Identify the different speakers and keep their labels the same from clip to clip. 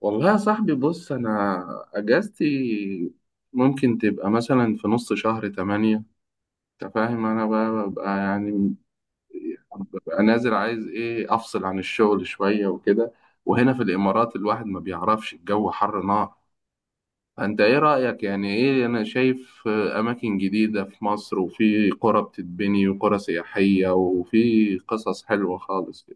Speaker 1: والله يا صاحبي، بص أنا أجازتي ممكن تبقى مثلا في نص شهر تمانية. أنت فاهم، أنا بقى ببقى ببقى نازل، عايز إيه أفصل عن الشغل شوية وكده. وهنا في الإمارات الواحد ما بيعرفش، الجو حر نار. فأنت إيه رأيك؟ يعني إيه أنا شايف أماكن جديدة في مصر، وفي قرى بتتبني وقرى سياحية، وفي قصص حلوة خالص.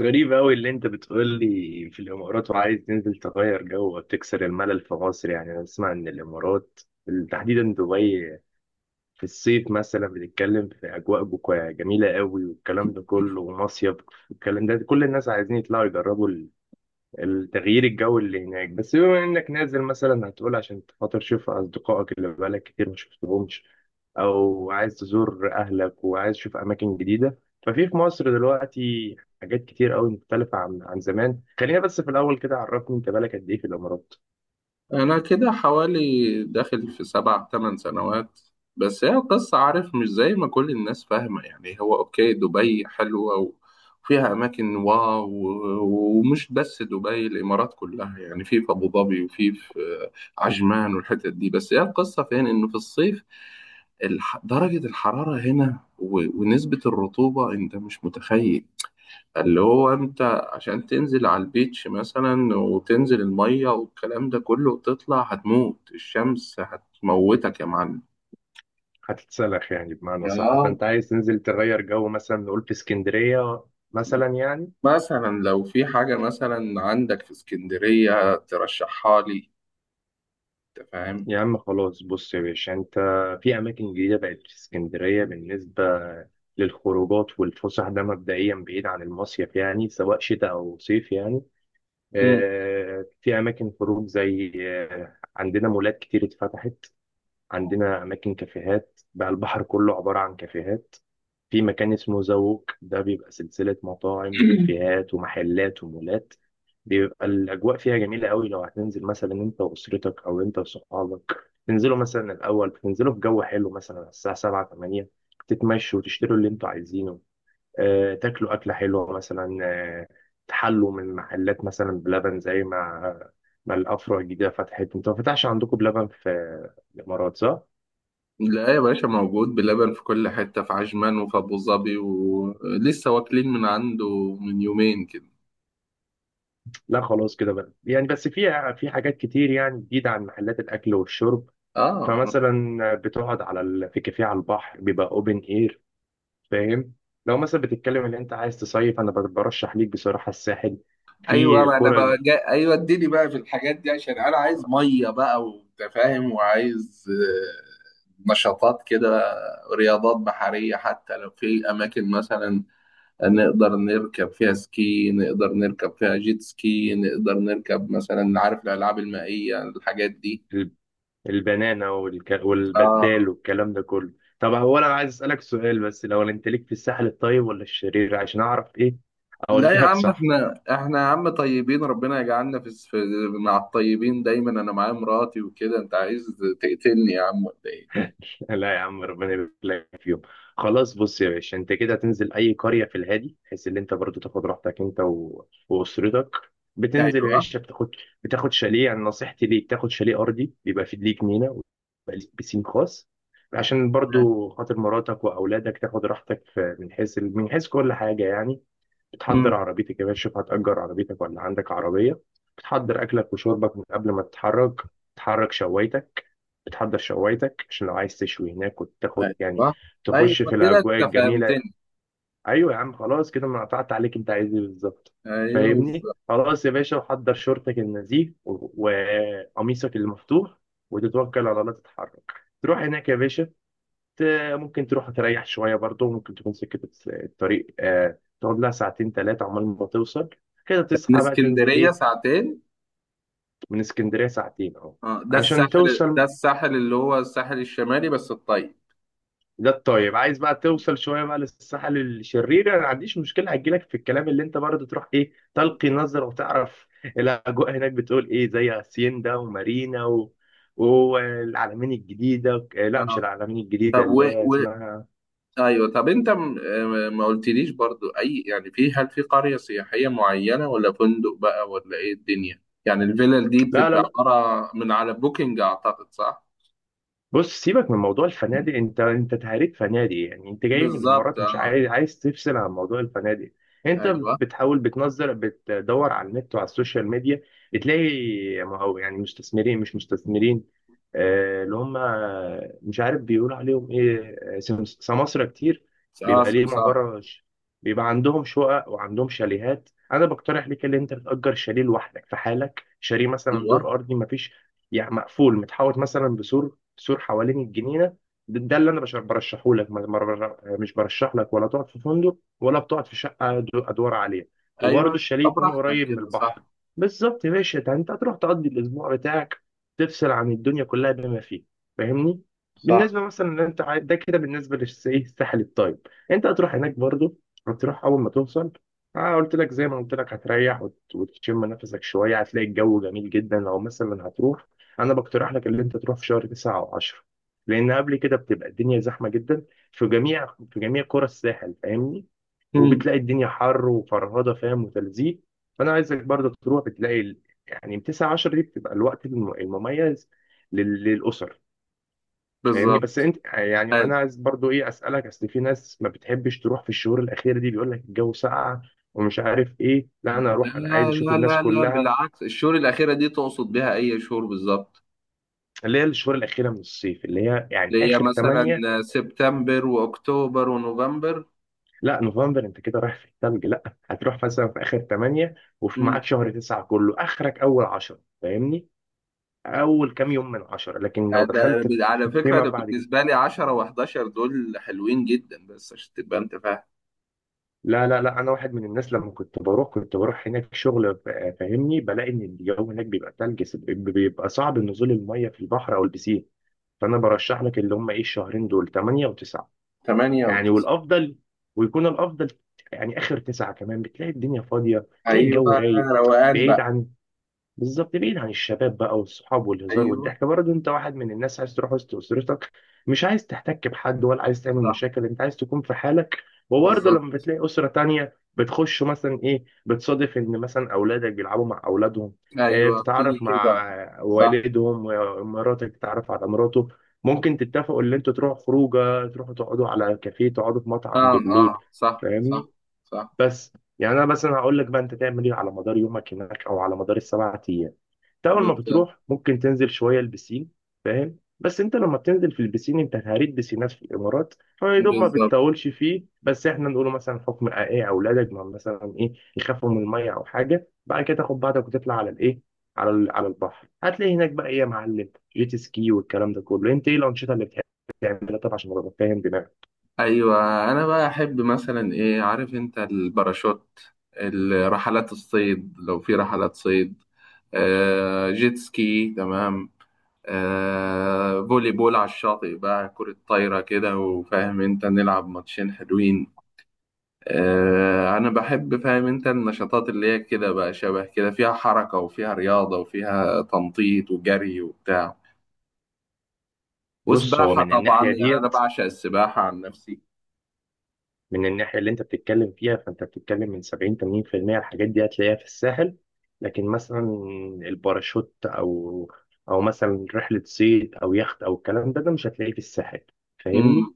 Speaker 2: غريب أوي اللي أنت بتقول لي. في الإمارات وعايز تنزل تغير جو وتكسر الملل في مصر، يعني أنا أسمع إن الإمارات تحديدا دبي في الصيف مثلا، بنتكلم في أجواء جميلة أوي والكلام ده كله ومصيف والكلام ده، كل الناس عايزين يطلعوا يجربوا التغيير الجو اللي هناك. بس بما انك نازل مثلا هتقول عشان خاطر تشوف اصدقائك اللي بقالك كتير ما شفتهمش، او عايز تزور اهلك وعايز تشوف اماكن جديده، ففي في مصر دلوقتي حاجات كتير قوي مختلفه عن زمان. خلينا بس في الاول كده، عرفني انت بالك قد ايه في الامارات.
Speaker 1: أنا كده حوالي داخل في 7 8 سنوات. بس هي القصة، عارف، مش زي ما كل الناس فاهمة. يعني هو أوكي دبي حلوة وفيها أماكن واو، ومش بس دبي، الإمارات كلها، يعني في أبو ظبي وفي عجمان والحتت دي. بس هي القصة فين؟ إنه في الصيف درجة الحرارة هنا ونسبة الرطوبة أنت مش متخيل. اللي هو انت عشان تنزل على البيتش مثلا وتنزل المية والكلام ده كله، وتطلع هتموت، الشمس هتموتك يا معلم.
Speaker 2: هتتسلخ يعني بمعنى
Speaker 1: يا
Speaker 2: صح. فانت عايز تنزل تغير جو، مثلا نقول في اسكندريه مثلا يعني.
Speaker 1: مثلا لو في حاجة مثلا عندك في اسكندرية ترشحها لي، انت فاهم.
Speaker 2: يا عم خلاص، بص يا باشا انت، في اماكن جديده بقت في اسكندريه بالنسبه للخروجات والفسح. ده مبدئيا بعيد عن المصيف يعني، سواء شتاء او صيف يعني.
Speaker 1: مم.
Speaker 2: آه، في اماكن خروج زي آه، عندنا مولات كتير اتفتحت، عندنا اماكن كافيهات بقى، البحر كله عباره عن كافيهات. في مكان اسمه زوق، ده بيبقى سلسلة مطاعم وكافيهات ومحلات ومولات. بيبقى الأجواء فيها جميلة قوي. لو هتنزل مثلا أنت وأسرتك أو أنت وصحابك، تنزلوا مثلا الأول تنزلوا في جو حلو مثلا على الساعة 7 8، تتمشوا وتشتروا اللي أنتوا عايزينه، آه، تاكلوا أكلة حلوة مثلا، آه، تحلوا من محلات مثلا بلبن. زي ما الأفرع الجديدة فتحت، أنتوا ما فتحش عندكم بلبن في الإمارات صح؟
Speaker 1: لا يا باشا، موجود، بلبن في كل حتة، في عجمان وفي أبو ظبي، ولسه واكلين من عنده من 2 يومين كده.
Speaker 2: لا خلاص كده بقى يعني، بس في حاجات كتير يعني جديدة، عن محلات الأكل والشرب.
Speaker 1: اه.
Speaker 2: فمثلا بتقعد على في كافيه على البحر، بيبقى أوبن إير، فاهم. لو مثلا بتتكلم إن أنت عايز تصيف، أنا برشح ليك بصراحة الساحل.
Speaker 1: ايوه،
Speaker 2: في
Speaker 1: ما انا
Speaker 2: كرة
Speaker 1: بقى ايوه اديني بقى في الحاجات دي، عشان انا عايز ميه بقى وانت فاهم. وعايز نشاطات كده، رياضات بحريه، حتى لو في اماكن مثلا نقدر نركب فيها سكي، نقدر نركب فيها جيت سكي، نقدر نركب مثلا، عارف، الالعاب المائيه، الحاجات دي.
Speaker 2: ال- البنانة والبدال
Speaker 1: اه.
Speaker 2: والكلام ده كله. طب هو أنا عايز أسألك سؤال بس، لو أنت ليك في الساحل الطيب ولا الشرير، عشان أعرف إيه
Speaker 1: لا يا
Speaker 2: أوجهك
Speaker 1: عم،
Speaker 2: صح.
Speaker 1: احنا يا عم طيبين، ربنا يجعلنا في مع الطيبين دايما. انا معايا مراتي وكده، انت عايز تقتلني يا عم ولا ايه؟
Speaker 2: لا يا عم، ربنا يبارك لك فيهم. خلاص بص يا باشا، انت كده هتنزل اي قريه في الهادي، بحيث ان انت برضو تاخد راحتك انت واسرتك. بتنزل يا
Speaker 1: ايوه.
Speaker 2: باشا، بتاخد شاليه. يعني نصيحتي ليك، تاخد شاليه ارضي، بيبقى فيه ليك جنينه ويبقى ليك بسين خاص، عشان برضو خاطر مراتك واولادك تاخد راحتك من حيث من حيث كل حاجه يعني. بتحضر عربيتك يا باشا، شوف هتأجر عربيتك ولا عندك عربية. بتحضر أكلك وشربك من قبل ما تتحرك، بتحرك شوايتك، بتحضر شوايتك عشان لو عايز تشوي هناك، وتاخد يعني
Speaker 1: ايوه. ايوه
Speaker 2: تخش في
Speaker 1: كده
Speaker 2: الأجواء
Speaker 1: انت
Speaker 2: الجميلة.
Speaker 1: فهمتني.
Speaker 2: أيوة يا عم، خلاص كده أنا قطعت عليك، أنت عايز إيه بالظبط.
Speaker 1: ايوه
Speaker 2: فاهمني
Speaker 1: بالظبط.
Speaker 2: خلاص يا باشا، وحضر شورتك النزيه وقميصك المفتوح، وتتوكل على الله تتحرك، تروح هناك يا باشا. ت- ممكن تروح تريح شوية برضه، ممكن تكون سكة الطريق آه، تقعد لها ساعتين ثلاثة عمال ما توصل. كده
Speaker 1: من
Speaker 2: تصحى بقى تنزل
Speaker 1: اسكندريه
Speaker 2: إيه.
Speaker 1: ساعتين.
Speaker 2: من اسكندرية ساعتين أهو،
Speaker 1: اه ده
Speaker 2: عشان
Speaker 1: الساحل، ده
Speaker 2: توصل.
Speaker 1: الساحل اللي هو الساحل الشمالي بس الطيب.
Speaker 2: ده الطيب. عايز بقى توصل شوية بقى للساحل الشرير، أنا ما عنديش مشكلة، هجيلك في الكلام. اللي أنت برضه تروح إيه تلقي نظرة، وتعرف الأجواء هناك بتقول إيه، زي هاسيندا ومارينا والعلمين الجديدة، آه، لا مش
Speaker 1: اه.
Speaker 2: العلمين الجديدة
Speaker 1: طب
Speaker 2: اللي هي
Speaker 1: و...
Speaker 2: اسمها.
Speaker 1: ايوه. طب انت م... آه، ما قلتليش برضو، اي يعني، في، هل في قريه سياحيه معينه ولا فندق بقى ولا ايه الدنيا؟ يعني الفيلل دي
Speaker 2: لا لا
Speaker 1: بتبقى
Speaker 2: لا
Speaker 1: عباره من على بوكينج، اعتقد، صح؟
Speaker 2: بص سيبك من موضوع الفنادق، انت تهريت فنادق يعني، انت جاي من
Speaker 1: بالظبط
Speaker 2: الامارات مش
Speaker 1: اه.
Speaker 2: عايز تفصل عن موضوع الفنادق. انت
Speaker 1: ايوه.
Speaker 2: بتحاول بتنظر بتدور على النت وعلى السوشيال ميديا، بتلاقي ما هو يعني مستثمرين مش مستثمرين، آه، اللي هم مش عارف بيقولوا عليهم ايه، آه، سماسرة كتير.
Speaker 1: اه
Speaker 2: بيبقى ليهم
Speaker 1: سمسار.
Speaker 2: عبارة بيبقى عندهم شقق وعندهم شاليهات. انا بقترح ليك ان انت تأجر شاليه لوحدك في حالك، شاليه مثلا
Speaker 1: ايوه.
Speaker 2: دور ارضي، مفيش يعني، مقفول متحوط مثلا بسور، تسور حوالين الجنينه. ده اللي انا برشحه لك. مش برشح لك ولا تقعد في فندق ولا بتقعد في شقه ادوار عاليه. وبرضه
Speaker 1: ايوه
Speaker 2: الشاليه
Speaker 1: طب
Speaker 2: يكون
Speaker 1: براحتك
Speaker 2: قريب من
Speaker 1: كده
Speaker 2: البحر.
Speaker 1: صح.
Speaker 2: بالظبط يا باشا، ده انت هتروح تقضي الاسبوع بتاعك، تفصل عن الدنيا كلها بما فيه، فاهمني.
Speaker 1: صح.
Speaker 2: بالنسبه مثلا ان انت ده كده بالنسبه للساحل الطيب. انت هتروح هناك برضه، هتروح اول ما توصل، اه قلت لك زي ما قلت لك، هتريح وتشم نفسك شويه، هتلاقي الجو جميل جدا. لو مثلا هتروح، انا بقترح لك اللي انت تروح في شهر 9 او 10، لان قبل كده بتبقى الدنيا زحمه جدا في جميع في جميع قرى الساحل، فاهمني.
Speaker 1: مم.
Speaker 2: وبتلاقي الدنيا حر وفرهده، فاهم، وتلزيق. فانا عايزك برضه تروح، بتلاقي يعني من 9 10 دي، بتبقى الوقت المميز للاسر، فاهمني. بس
Speaker 1: بالظبط.
Speaker 2: انت يعني
Speaker 1: لا.
Speaker 2: انا عايز برضه ايه اسالك، اصل في ناس ما بتحبش تروح في الشهور الاخيره دي، بيقول لك الجو ساقع ومش عارف ايه. لا انا اروح، انا عايز
Speaker 1: لا
Speaker 2: اشوف الناس
Speaker 1: لا لا،
Speaker 2: كلها،
Speaker 1: بالعكس. الشهور الأخيرة دي تقصد بيها أي شهور بالظبط؟
Speaker 2: اللي هي الشهور الاخيره من الصيف، اللي هي يعني
Speaker 1: اللي هي
Speaker 2: اخر
Speaker 1: مثلا
Speaker 2: 8.
Speaker 1: سبتمبر وأكتوبر ونوفمبر.
Speaker 2: لا نوفمبر انت كده رايح في الثلج، لا. هتروح مثلا في اخر 8، وفي
Speaker 1: مم.
Speaker 2: معاك شهر 9 كله، اخرك اول 10، فاهمني، اول كام يوم من 10. لكن لو
Speaker 1: ده
Speaker 2: دخلت
Speaker 1: على فكرة
Speaker 2: فيما
Speaker 1: ده
Speaker 2: بعد كده،
Speaker 1: بالنسبة لي 10 و11 دول حلوين جدا، بس عشان تبقى أنت فاهم.
Speaker 2: لا لا لا، انا واحد من الناس لما كنت بروح، كنت بروح هناك شغل، فاهمني، بلاقي ان الجو هناك بيبقى ثلج، بيبقى صعب نزول الميه في البحر او البسين. فانا برشح لك اللي هم ايه، الشهرين دول 8 و9
Speaker 1: 8
Speaker 2: يعني،
Speaker 1: و9.
Speaker 2: والافضل، ويكون الافضل يعني اخر 9 كمان، بتلاقي الدنيا فاضيه، تلاقي الجو
Speaker 1: أيوه.
Speaker 2: رايق،
Speaker 1: روقان
Speaker 2: بعيد
Speaker 1: بقى.
Speaker 2: عن، بالظبط بعيد عن الشباب بقى، والصحاب والهزار
Speaker 1: أيوه.
Speaker 2: والضحك. برضه انت واحد من الناس عايز تروح وسط اسرتك، مش عايز تحتك بحد ولا عايز تعمل
Speaker 1: صح.
Speaker 2: مشاكل، انت عايز تكون في حالك. وبرضه
Speaker 1: بالظبط.
Speaker 2: لما بتلاقي اسره تانية بتخش مثلا ايه، بتصادف ان مثلا اولادك بيلعبوا مع اولادهم، اه
Speaker 1: أيوه بتيجي
Speaker 2: بتتعرف
Speaker 1: كده.
Speaker 2: مع
Speaker 1: صح.
Speaker 2: والدهم، ومراتك بتتعرف على مراته، ممكن تتفقوا ان انتوا تروحوا خروجه، تروحوا تقعدوا على كافيه، تقعدوا في مطعم
Speaker 1: آه
Speaker 2: بالليل،
Speaker 1: آه صح صح.
Speaker 2: فاهمني.
Speaker 1: صح.
Speaker 2: بس يعني انا مثلا هقول لك بقى انت تعمل ايه على مدار يومك هناك، او على مدار السبع ايام. انت اول ما
Speaker 1: بالظبط.
Speaker 2: بتروح ممكن تنزل شويه البسين، فاهم، بس انت لما بتنزل في البسين، انت هريت بسينات في الامارات، فيا دوب ما
Speaker 1: بالظبط.
Speaker 2: بتطولش فيه، بس احنا نقوله مثلا حكم ايه اولادك، ما مثلا ايه يخافوا من الميه او حاجه، بعد كده تاخد بعضك وتطلع على الايه، على على البحر. هتلاقي هناك بقى ايه يا معلم، جيت سكي والكلام ده كله. انت ايه الانشطه اللي بتحب تعملها طبعا، عشان ابقى فاهم دماغك.
Speaker 1: ايوه انا بقى احب مثلا ايه، عارف انت، الباراشوت، الرحلات، الصيد لو في رحلات صيد، آه جيت سكي، تمام، آه فولي بول على الشاطئ بقى، كرة طايرة كده، وفاهم انت نلعب ماتشين حلوين. آه انا بحب، فاهم انت، النشاطات اللي هي كده بقى، شبه كده فيها حركة وفيها رياضة وفيها تنطيط وجري وبتاع
Speaker 2: بص هو
Speaker 1: وسباحة
Speaker 2: من
Speaker 1: طبعا.
Speaker 2: الناحيه
Speaker 1: يعني انا
Speaker 2: ديت،
Speaker 1: بعشق السباحة عن نفسي.
Speaker 2: من الناحية اللي أنت بتتكلم فيها، فأنت بتتكلم من 70 80% الحاجات دي هتلاقيها في الساحل. لكن مثلا الباراشوت أو أو مثلا رحلة صيد أو يخت أو الكلام ده، ده مش هتلاقيه في الساحل،
Speaker 1: امم.
Speaker 2: فاهمني؟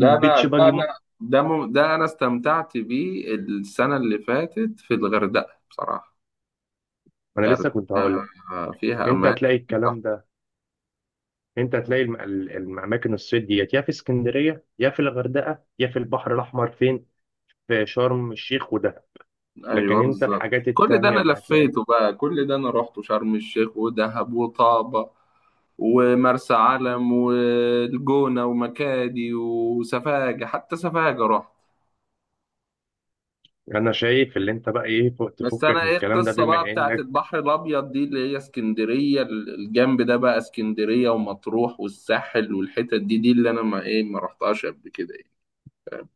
Speaker 1: ده انا ده
Speaker 2: باجي
Speaker 1: انا ده انا استمتعت بيه السنه اللي فاتت في الغردقه بصراحه.
Speaker 2: أنا لسه
Speaker 1: الغردقه
Speaker 2: كنت هقول لك.
Speaker 1: فيها
Speaker 2: أنت
Speaker 1: اماكن
Speaker 2: هتلاقي الكلام
Speaker 1: تحفة.
Speaker 2: ده، أنت هتلاقي الأماكن الصيد ديت، يا في اسكندرية يا في الغردقة يا في البحر الأحمر، فين؟ في شرم الشيخ وده. لكن
Speaker 1: ايوه
Speaker 2: أنت
Speaker 1: بالظبط،
Speaker 2: الحاجات
Speaker 1: كل ده
Speaker 2: التانية
Speaker 1: انا
Speaker 2: اللي هتلاقيها،
Speaker 1: لفيته بقى، كل ده انا رحت شرم الشيخ ودهب وطابه ومرسى علم والجونه ومكادي وسفاجه، حتى سفاجه رحت.
Speaker 2: انا شايف اللي انت بقى ايه فوق
Speaker 1: بس
Speaker 2: تفكك
Speaker 1: انا
Speaker 2: من
Speaker 1: ايه
Speaker 2: الكلام ده،
Speaker 1: القصه بقى
Speaker 2: بما
Speaker 1: بتاعت
Speaker 2: انك،
Speaker 1: البحر الابيض دي، اللي هي اسكندريه الجنب ده بقى، اسكندريه ومطروح والساحل والحتت دي، دي اللي انا ما رحتهاش قبل كده، ايه، فاهم.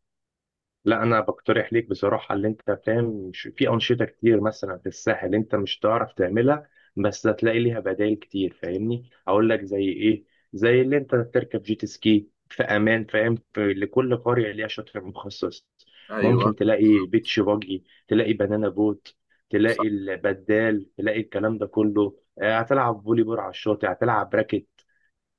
Speaker 2: لا انا بقترح ليك بصراحه، اللي انت فاهم في انشطه كتير مثلا في الساحل انت مش هتعرف تعملها، بس هتلاقي ليها بدائل كتير، فاهمني اقول لك زي ايه. زي اللي انت تركب جيت سكي في امان، فاهم، في لكل قريه ليها شاطئ مخصص،
Speaker 1: ايوه
Speaker 2: ممكن تلاقي
Speaker 1: بالظبط.
Speaker 2: بيتش باجي، تلاقي بنانا بوت،
Speaker 1: صح.
Speaker 2: تلاقي البدال، تلاقي الكلام ده كله، آه، هتلعب فولي بول على الشاطئ، هتلعب راكت،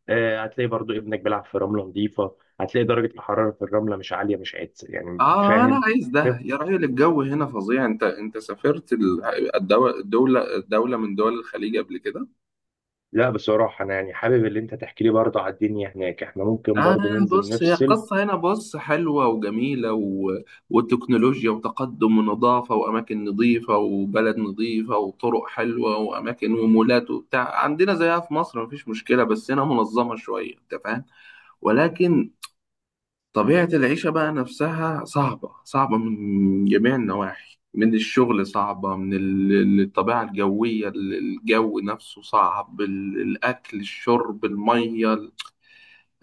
Speaker 2: آه، هتلاقي برضو ابنك بيلعب في رملة نظيفة، هتلاقي درجة الحرارة في الرملة مش عالية مش عادية، يعني أنت
Speaker 1: اه انا
Speaker 2: فاهم.
Speaker 1: عايز ده
Speaker 2: طب،
Speaker 1: يا راجل، الجو هنا فظيع. انت سافرت الدوله، دوله من دول الخليج قبل كده؟
Speaker 2: لا بصراحة أنا يعني حابب اللي أنت تحكي لي برضه على الدنيا هناك، إحنا ممكن
Speaker 1: آه.
Speaker 2: برضه ننزل
Speaker 1: بص هي
Speaker 2: نفصل.
Speaker 1: القصة هنا، بص، حلوة وجميلة وتكنولوجيا وتقدم ونظافة وأماكن نظيفة وبلد نظيفة وطرق حلوة وأماكن ومولات وبتاع، عندنا زيها في مصر مفيش مشكلة، بس هنا منظمة شوية أنت فاهم. ولكن طبيعة العيشة بقى نفسها صعبة، صعبة من جميع النواحي، من الشغل صعبة، من الطبيعة الجوية، الجو نفسه صعب، الأكل الشرب المية،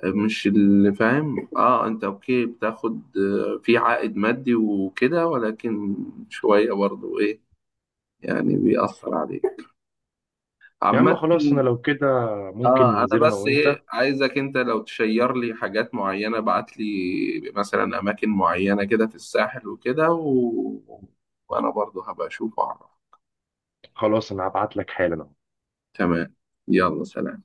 Speaker 1: مش اللي فاهم. اه انت اوكي بتاخد في عائد مادي وكده، ولكن شوية برضو ايه، يعني بيأثر عليك
Speaker 2: يا عم
Speaker 1: عامة.
Speaker 2: خلاص، أنا لو كده ممكن
Speaker 1: اه انا
Speaker 2: ننزل أنا
Speaker 1: بس
Speaker 2: وأنت.
Speaker 1: ايه عايزك انت لو تشير لي حاجات معينة، ابعت لي مثلا اماكن معينة كده في الساحل وكده وانا برضو هبقى اشوف واعرف.
Speaker 2: خلاص، أنا هبعت لك حالا.
Speaker 1: تمام. يلا سلام.